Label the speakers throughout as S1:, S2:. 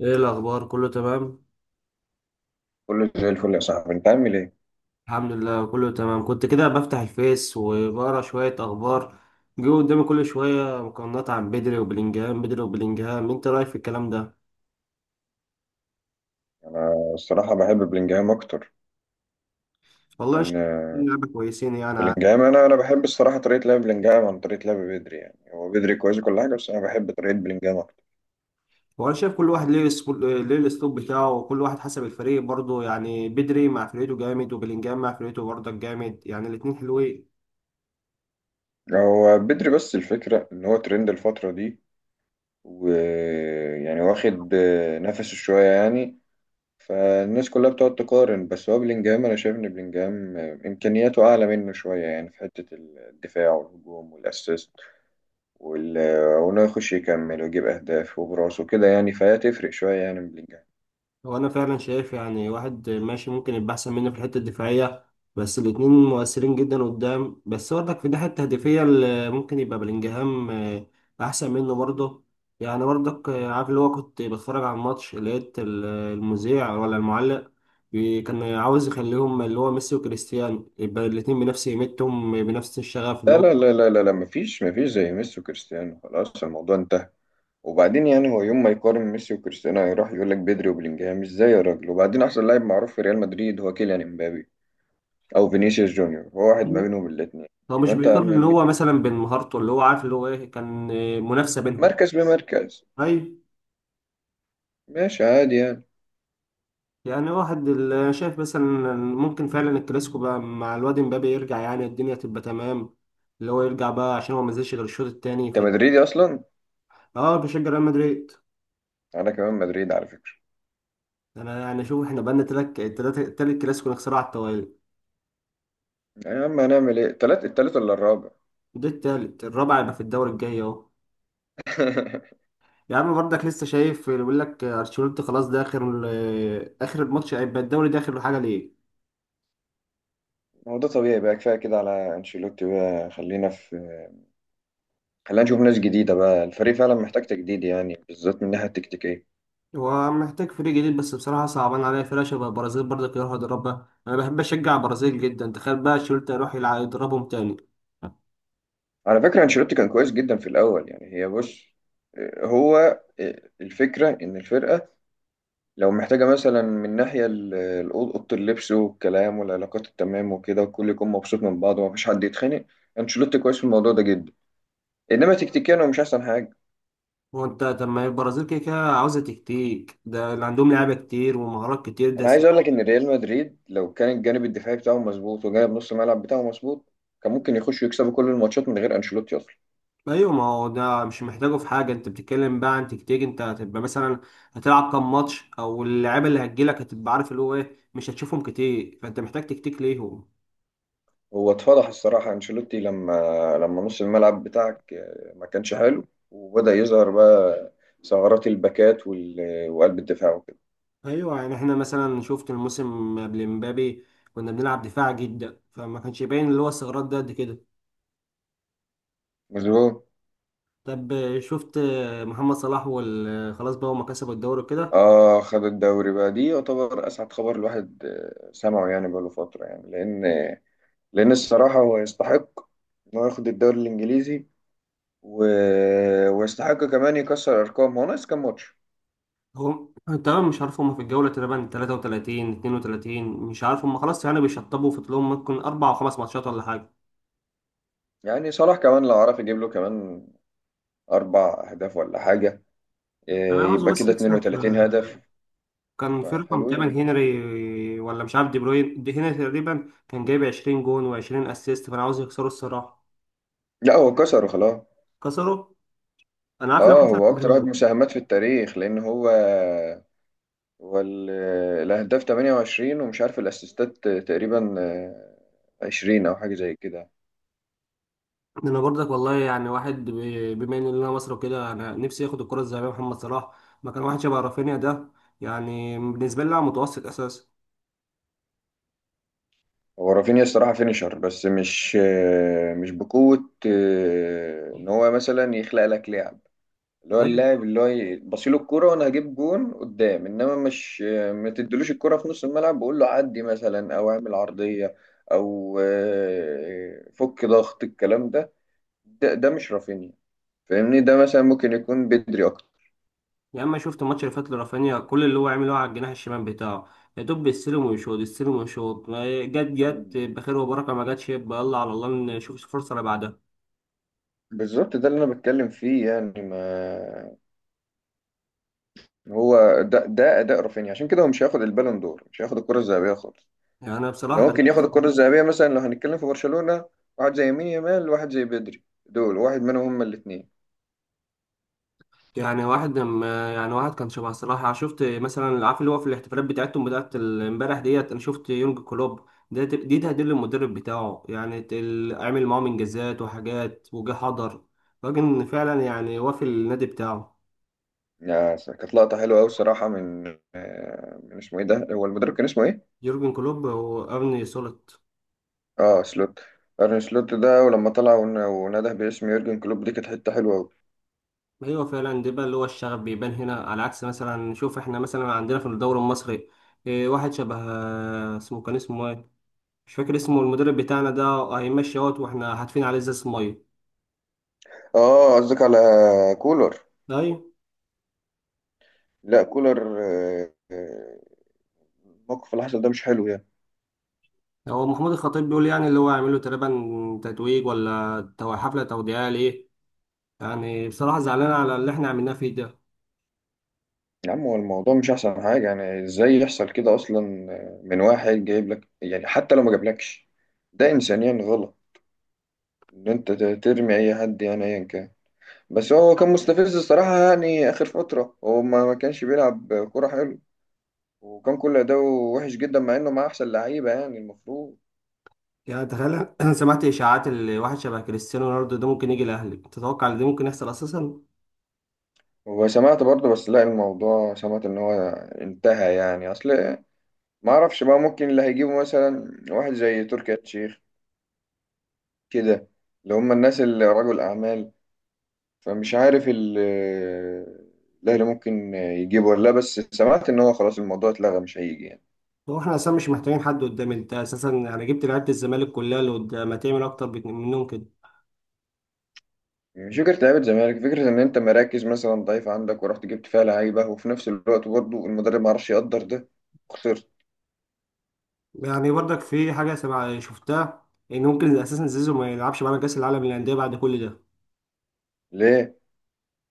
S1: ايه الاخبار؟ كله تمام؟
S2: كله زي الفل يا صاحبي، انت عامل ايه؟
S1: الحمد لله، كله تمام. كنت كده بفتح الفيس وبقرا شويه اخبار، جه قدامي كل شويه مقارنات عن بدري وبلينجهام. بدري وبلينجهام، انت رايك في الكلام ده؟
S2: انا الصراحه بحب بلينجهام اكتر
S1: والله شايف
S2: لان
S1: إن لعيبه كويسين يعني عاد.
S2: بلينجهام، انا بحب الصراحه طريقه لعب بلينجهام عن طريقه لعب بدري. يعني هو بدري كويس وكل حاجه، بس انا بحب طريقه بلينجهام اكتر.
S1: وانا شايف كل واحد ليه الاسلوب بتاعه، وكل واحد حسب الفريق برضه. يعني بدري مع فرقته جامد، وبلينجهام مع فرقته برضه جامد، يعني الاتنين حلوين.
S2: هو بدري بس الفكره ان هو ترند الفتره دي، ويعني واخد نفسه شويه يعني. فالناس كلها بتقعد تقارن، بس هو بلينجهام، انا شايف ان بلينجهام امكانياته اعلى منه شويه يعني في حته الدفاع والهجوم والاسيست وال- وإنه يخش يكمل ويجيب أهداف وبراسه كده، يعني فهي تفرق شوية يعني من بلينجهام.
S1: هو انا فعلا شايف يعني واحد ماشي ممكن يبقى احسن مني في الحته الدفاعيه، بس الاتنين مؤثرين جدا قدام. بس برضك في الناحيه التهديفيه اللي ممكن يبقى بلينجهام احسن منه برضه. يعني برضك عارف، اللي هو كنت بتفرج على الماتش، لقيت المذيع ولا المعلق كان عاوز يخليهم، اللي هو ميسي وكريستيانو، يبقى الاتنين بنفس قيمتهم، بنفس الشغف. اللي
S2: لا،
S1: هو
S2: لا، لا، لا، لا، لا، مفيش زي ميسي وكريستيانو. خلاص الموضوع انتهى. وبعدين يعني هو يوم ما يقارن ميسي وكريستيانو هيروح يقول لك بدري وبلينجهام ازاي يا راجل؟ وبعدين أحسن لاعب معروف في ريال مدريد هو كيليان امبابي أو فينيسيوس جونيور، هو واحد ما بينهم الاتنين.
S1: هو مش
S2: يبقى أنت يا
S1: بيقارن،
S2: عم
S1: اللي هو مثلا بين مهارته، اللي هو عارف اللي هو ايه، كان منافسه بينهم.
S2: مركز بمركز
S1: أيوة.
S2: ماشي عادي يعني.
S1: يعني واحد شايف مثلا ممكن فعلا الكلاسيكو بقى مع الواد امبابي يرجع، يعني الدنيا تبقى تمام. اللي هو يرجع بقى، عشان هو ما نزلش غير الشوط التاني،
S2: أنت
S1: ف
S2: مدريدي أصلا.
S1: اه بشجع ريال مدريد.
S2: أنا كمان مدريد على فكرة.
S1: انا يعني شوف، احنا بقالنا تلات تالت كلاسيكو نخسرها على التوالي.
S2: يا عم هنعمل إيه؟ التلات التالت ولا الرابع؟
S1: ده التالت الرابع، يبقى في الدوري الجاي اهو. يا عم برضك لسه شايف اللي بيقول لك ارشيلوتي خلاص ده اخر اخر الماتش، هيبقى الدوري ده اخر حاجه ليه.
S2: هو ده طبيعي بقى. كفايه كده على انشيلوتي بقى، خلينا نشوف ناس جديده بقى. الفريق فعلا محتاج تجديد يعني بالذات من الناحيه التكتيكيه.
S1: هو محتاج فريق جديد، بس بصراحة صعبان عليا فرقة شبه البرازيل برضك يروح يدربها. أنا بحب أشجع البرازيل جدا، تخيل بقى شولت يروح يلعب يدربهم تاني.
S2: على فكره انشيلوتي كان كويس جدا في الاول يعني. هي بص، هو الفكره ان الفرقه لو محتاجه مثلا من ناحيه اوضه اللبس والكلام والعلاقات التمام وكده، والكل يكون مبسوط من بعض ومفيش حد يتخانق. انشيلوتي كويس في الموضوع ده جدا، انما تكتيكيا هو مش احسن حاجه.
S1: هو أنت، طب ما هي البرازيل كده كده عاوزة تكتيك، ده اللي عندهم لعيبة كتير ومهارات كتير، ده
S2: انا
S1: س...
S2: عايز اقول لك ان ريال مدريد لو كان الجانب الدفاعي بتاعه مظبوط وجانب نص الملعب بتاعه مظبوط، كان ممكن يخشوا يكسبوا كل الماتشات من غير انشيلوتي اصلا.
S1: أيوة، ما هو ده مش محتاجه في حاجة. أنت بتتكلم بقى عن تكتيك، أنت هتبقى مثلا هتلعب كام ماتش، أو اللعيبة اللي هتجيلك هتبقى عارف اللي هو إيه، مش هتشوفهم كتير، فأنت محتاج تكتيك ليهم.
S2: هو اتفضح الصراحه انشيلوتي لما نص الملعب بتاعك ما كانش حلو، وبدا يظهر بقى ثغرات الباكات وقلب الدفاع وكده.
S1: ايوه، يعني احنا مثلا شفت الموسم قبل مبابي كنا بنلعب دفاع جدا، فما كانش باين اللي هو استغراب ده قد كده.
S2: مظبوط.
S1: طب شفت محمد صلاح خلاص بقى، هما كسبوا الدوري كده.
S2: اه، خد الدوري بقى. دي يعتبر اسعد خبر الواحد سمعه يعني بقاله فتره، يعني لان الصراحه هو يستحق انه ياخد الدوري الانجليزي و... ويستحق كمان يكسر ارقام. هو ناقص كام ماتش؟
S1: هم تمام، مش عارف هما في الجولة تقريبا 33 32، مش عارف هما خلاص، يعني بيشطبوا في طولهم ممكن أربع أو خمس ماتشات ولا حاجة.
S2: يعني صلاح كمان لو عرف يجيب له كمان اربع اهداف ولا حاجه،
S1: أنا
S2: إيه،
S1: عاوزه
S2: يبقى
S1: بس
S2: كده
S1: يكسب،
S2: 32 هدف
S1: كان في رقم
S2: فحلوين
S1: تامن
S2: يعني.
S1: هنري ولا مش عارف، دي بروين، دي هنري تقريبا كان جايب 20 جون و20 اسيست، فأنا عاوز يكسروا الصراحة.
S2: لا هو كسره خلاص.
S1: كسروا، انا عارف لو
S2: اه،
S1: كسر.
S2: هو اكتر واحد مساهمات في التاريخ لان هو ال- الاهداف 28، ومش عارف الاسيستات تقريبا 20 او حاجه زي كده.
S1: انا برضك والله، يعني واحد بما ان انا مصر وكده، انا نفسي اخد الكره الذهبيه محمد صلاح، مكان واحد شبه رافينيا ده. يعني بالنسبه لي لاعب متوسط اساسا.
S2: هو رافينيا الصراحه فينيشر، بس مش بقوه ان هو مثلا يخلق لك لعب اللي هو
S1: ايوه،
S2: اللاعب اللي هو بصيله الكرة وانا هجيب جون قدام، انما مش. ما تدلوش الكرة في نص الملعب، بقول له عدي مثلا او اعمل عرضية او فك ضغط. الكلام ده. ده مش رافينيا. فاهمني؟ ده مثلا ممكن يكون بدري اكتر.
S1: يا اما شفت الماتش اللي فات لرافينيا كل اللي هو عمله على الجناح الشمال بتاعه، يا دوب بيستلم ويشوط، يستلم ويشوط. ما جت، جت بخير وبركه، ما جاتش يبقى يلا على الله نشوف الفرصه اللي بعدها.
S2: بالظبط ده اللي انا بتكلم فيه يعني. ما هو ده اداء رافينيا، عشان كده هو مش هياخد البالون دور، مش هياخد الكرة الذهبية خالص.
S1: يعني انا
S2: اللي
S1: بصراحه كان،
S2: ممكن ياخد الكرة الذهبية، مثلا لو هنتكلم في برشلونة، واحد زي يمين يامال، واحد زي بدري. دول واحد منهم هما الاثنين.
S1: يعني واحد لما، يعني واحد كان شبه صلاح. أنا شفت مثلا، عارف اللي هو في الاحتفالات بتاعتهم بتاعت امبارح ديت، انا شفت يورج كلوب ده دي تهديد للمدرب بتاعه، يعني عمل معاهم انجازات وحاجات وجه حضر. راجل فعلا يعني، وافي النادي بتاعه.
S2: كانت لقطة حلوة أوي الصراحة من من اسمه إيه ده؟ هو المدرب كان اسمه إيه؟
S1: يورجن كلوب وارني سلوت.
S2: آه سلوت. أرن سلوت ده، ولما طلع ونده باسم يورجن كلوب دي كانت حتة حلوة أوي.
S1: ايوه فعلا، ده بقى اللي هو الشغف بيبان هنا، على عكس مثلا شوف احنا مثلا عندنا في الدوري المصري واحد شبه، اسمه كان اسمه ايه، مش فاكر اسمه المدرب بتاعنا ده، هيمشي اهوت واحنا هاتفين عليه ازاز ميه.
S2: آه قصدك على كولر.
S1: ايوه،
S2: لا كولر، الموقف اللي حصل ده مش حلو يعني.
S1: هو محمود الخطيب بيقول يعني اللي هو يعمل له تقريبا تتويج ولا حفلة توديعية ليه. يعني بصراحة زعلان على اللي احنا عملناه فيه ده.
S2: يا عم هو الموضوع مش أحسن حاجة يعني. إزاي يحصل كده أصلا من واحد جايب لك يعني، حتى لو ما جابلكش، ده إنسانيا غلط إن أنت ترمي أي حد يعني أيا كان. بس هو كان مستفز الصراحة، يعني آخر فترة هو ما كانش بيلعب كورة حلو، وكان كل أداؤه وحش جدا مع إنه مع أحسن لعيبة يعني المفروض.
S1: يعني تخيل انا سمعت اشاعات اللي واحد شبه كريستيانو رونالدو ده ممكن يجي الاهلي، تتوقع ان ده ممكن يحصل اساسا؟
S2: وسمعت برضه، بس لا الموضوع، سمعت إن هو انتهى يعني. أصل ما أعرفش بقى، ممكن اللي هيجيبه مثلا واحد زي تركي آل الشيخ كده، اللي هم الناس اللي رجل أعمال. فمش عارف الأهلي ممكن يجيبه ولا لا، بس سمعت إن هو خلاص الموضوع اتلغى مش هيجي.
S1: هو احنا اساسا مش محتاجين حد قدام، انت اساسا يعني جبت لعيبة الزمالك كلها اللي قدام، ما تعمل اكتر منهم كده.
S2: مش فكرة لعيبة زمالك، فكرة إن أنت مراكز مثلا ضعيفة عندك ورحت جبت فيها لعيبة، وفي نفس الوقت برضه المدرب معرفش يقدر ده. خسرت.
S1: يعني برضك في حاجة سمع شفتها، ان ممكن اساسا زيزو ما يلعبش معانا كاس العالم للانديه بعد كل ده.
S2: ليه؟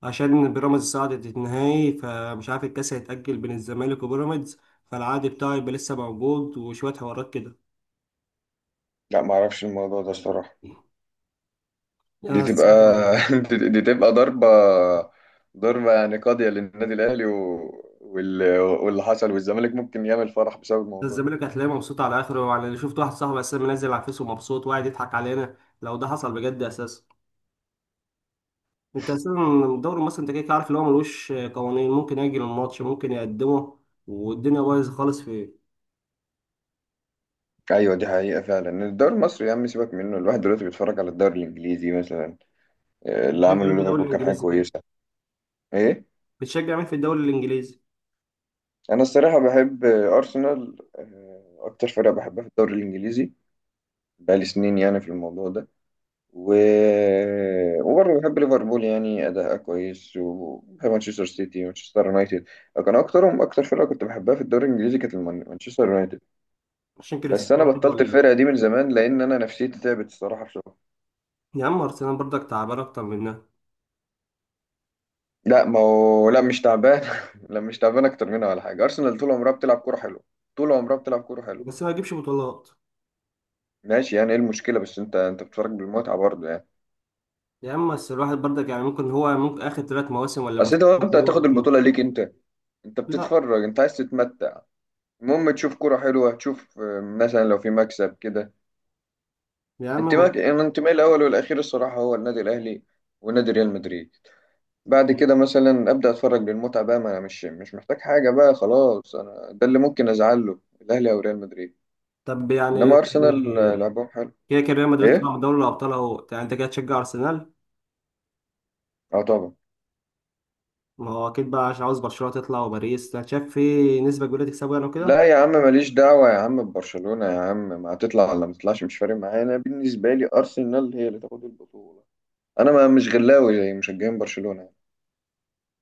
S1: عشان بيراميدز صعدت النهائي، فمش عارف الكاس هيتأجل بين الزمالك وبيراميدز، فالعقد بتاعه يبقى لسه موجود، وشوية حوارات كده.
S2: لا، معرفش الموضوع ده الصراحة.
S1: يعني
S2: دي
S1: انا
S2: تبقى
S1: الصراحة يعني،
S2: دي تبقى ضربة يعني قاضية للنادي الأهلي واللي حصل، والزمالك ممكن يعمل فرح بسبب
S1: ده
S2: الموضوع ده.
S1: الزمالك هتلاقيه مبسوط على اخره. وعلى اللي شفت، واحد صاحبي اساسا منزل على الفيس ومبسوط وقاعد يضحك علينا. لو ده حصل بجد اساسا، انت اساسا الدوري المصري انت كده كده عارف اللي هو ملوش قوانين، ممكن يأجل الماتش ممكن يقدمه، والدنيا بايظه خالص في.
S2: أيوة، دي حقيقة فعلا. الدوري المصري يا عم سيبك منه، الواحد دلوقتي بيتفرج على الدوري الإنجليزي مثلا. اللي
S1: بتشجع مين
S2: عمله
S1: في الدوري
S2: ليفربول كان حاجة
S1: الانجليزي كده؟
S2: كويسة. إيه؟
S1: بتشجع مين في الدوري الانجليزي؟
S2: انا الصراحه بحب ارسنال، اكتر فرقه بحبها في الدوري الانجليزي. بقالي سنين يعني في الموضوع ده. و... وبرضه بحب ليفربول، يعني اداءها كويس، وبحب مانشستر سيتي ومانشستر يونايتد. كان اكترهم، اكتر فرقه كنت بحبها في الدوري الانجليزي كانت مانشستر يونايتد.
S1: عشان
S2: بس انا
S1: كريستيانو رونالدو
S2: بطلت
S1: ولا لا؟
S2: الفرقه دي من زمان، لان انا نفسيتي تعبت الصراحه بسرعه.
S1: يا عم ارسنال برضك تعبان اكتر منها.
S2: لا، ما هو لا، مش تعبان لا مش تعبان اكتر منها ولا حاجه. ارسنال طول عمرها بتلعب كوره حلوه، طول عمرها بتلعب كوره حلوه.
S1: بس ما يجيبش بطولات.
S2: ماشي يعني، ايه المشكله؟ بس انت بتتفرج بالمتعه برضه يعني.
S1: يا عم بس الواحد برضك يعني، ممكن هو ممكن اخر ثلاث مواسم ولا
S2: اصل انت
S1: موسمين
S2: وانت
S1: اللي هو
S2: هتاخد
S1: بيجيبه.
S2: البطوله ليك انت
S1: لا
S2: بتتفرج، انت عايز تتمتع. المهم تشوف كرة حلوه، تشوف مثلا لو في مكسب كده.
S1: يا عم
S2: انتماء، أنا انتمائي الاول والاخير الصراحه هو النادي الاهلي ونادي ريال مدريد. بعد كده مثلا ابدا اتفرج للمتعه بقى، ما انا مش محتاج حاجه بقى. خلاص انا ده اللي ممكن ازعل له الاهلي او ريال مدريد.
S1: طب يعني
S2: انما ارسنال لعبهم حلو.
S1: كده كده ريال مدريد طلع
S2: ايه؟
S1: من دوري الابطال اهو، يعني انت كده تشجع ارسنال.
S2: اه طبعا.
S1: ما هو اكيد بقى عشان عاوز برشلونه تطلع، وباريس انت شايف في نسبه كبيره تكسبه يعني وكده.
S2: لا يا عم، ماليش دعوة يا عم ببرشلونة. يا عم ما هتطلع ولا ما تطلعش، مش فارق معايا. انا بالنسبة لي أرسنال هي اللي تاخد البطولة. انا ما مش غلاوي زي مشجعين برشلونة.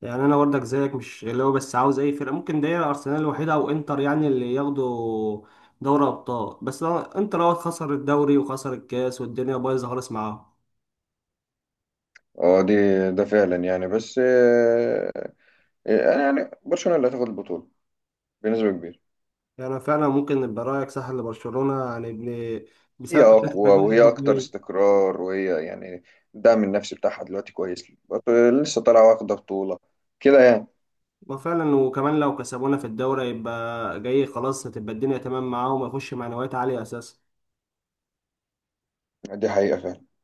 S1: يعني انا برضك زيك مش اللي هو بس عاوز اي فرقه ممكن، ده ارسنال الوحيده او انتر يعني اللي ياخدوا دوري ابطال. بس انتر لو خسر الدوري وخسر الكاس، والدنيا بايظه خالص معاهم.
S2: اه دي، ده فعلا يعني بس انا يعني برشلونة اللي هتاخد البطولة بنسبة كبيرة.
S1: يعني فعلا ممكن يبقى رايك صح لبرشلونه يعني ابن،
S2: هي
S1: بسبب طريقه
S2: اقوى، وهي اكتر
S1: لعبهم.
S2: استقرار، وهي يعني الدعم النفسي بتاعها دلوقتي كويس. لسه طالعة واخدة بطولة كده يعني.
S1: وفعلا وكمان لو كسبونا في الدوري يبقى جاي خلاص، هتبقى الدنيا تمام معاهم ويخش معنويات عاليه اساسا.
S2: دي حقيقة فعلا.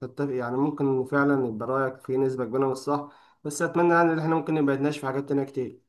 S1: تتفق؟ يعني ممكن فعلا يبقى رايك في نسبه كبيره من الصح. بس اتمنى يعني ان احنا ممكن نبقى نتناقش في حاجات تانيه كتير.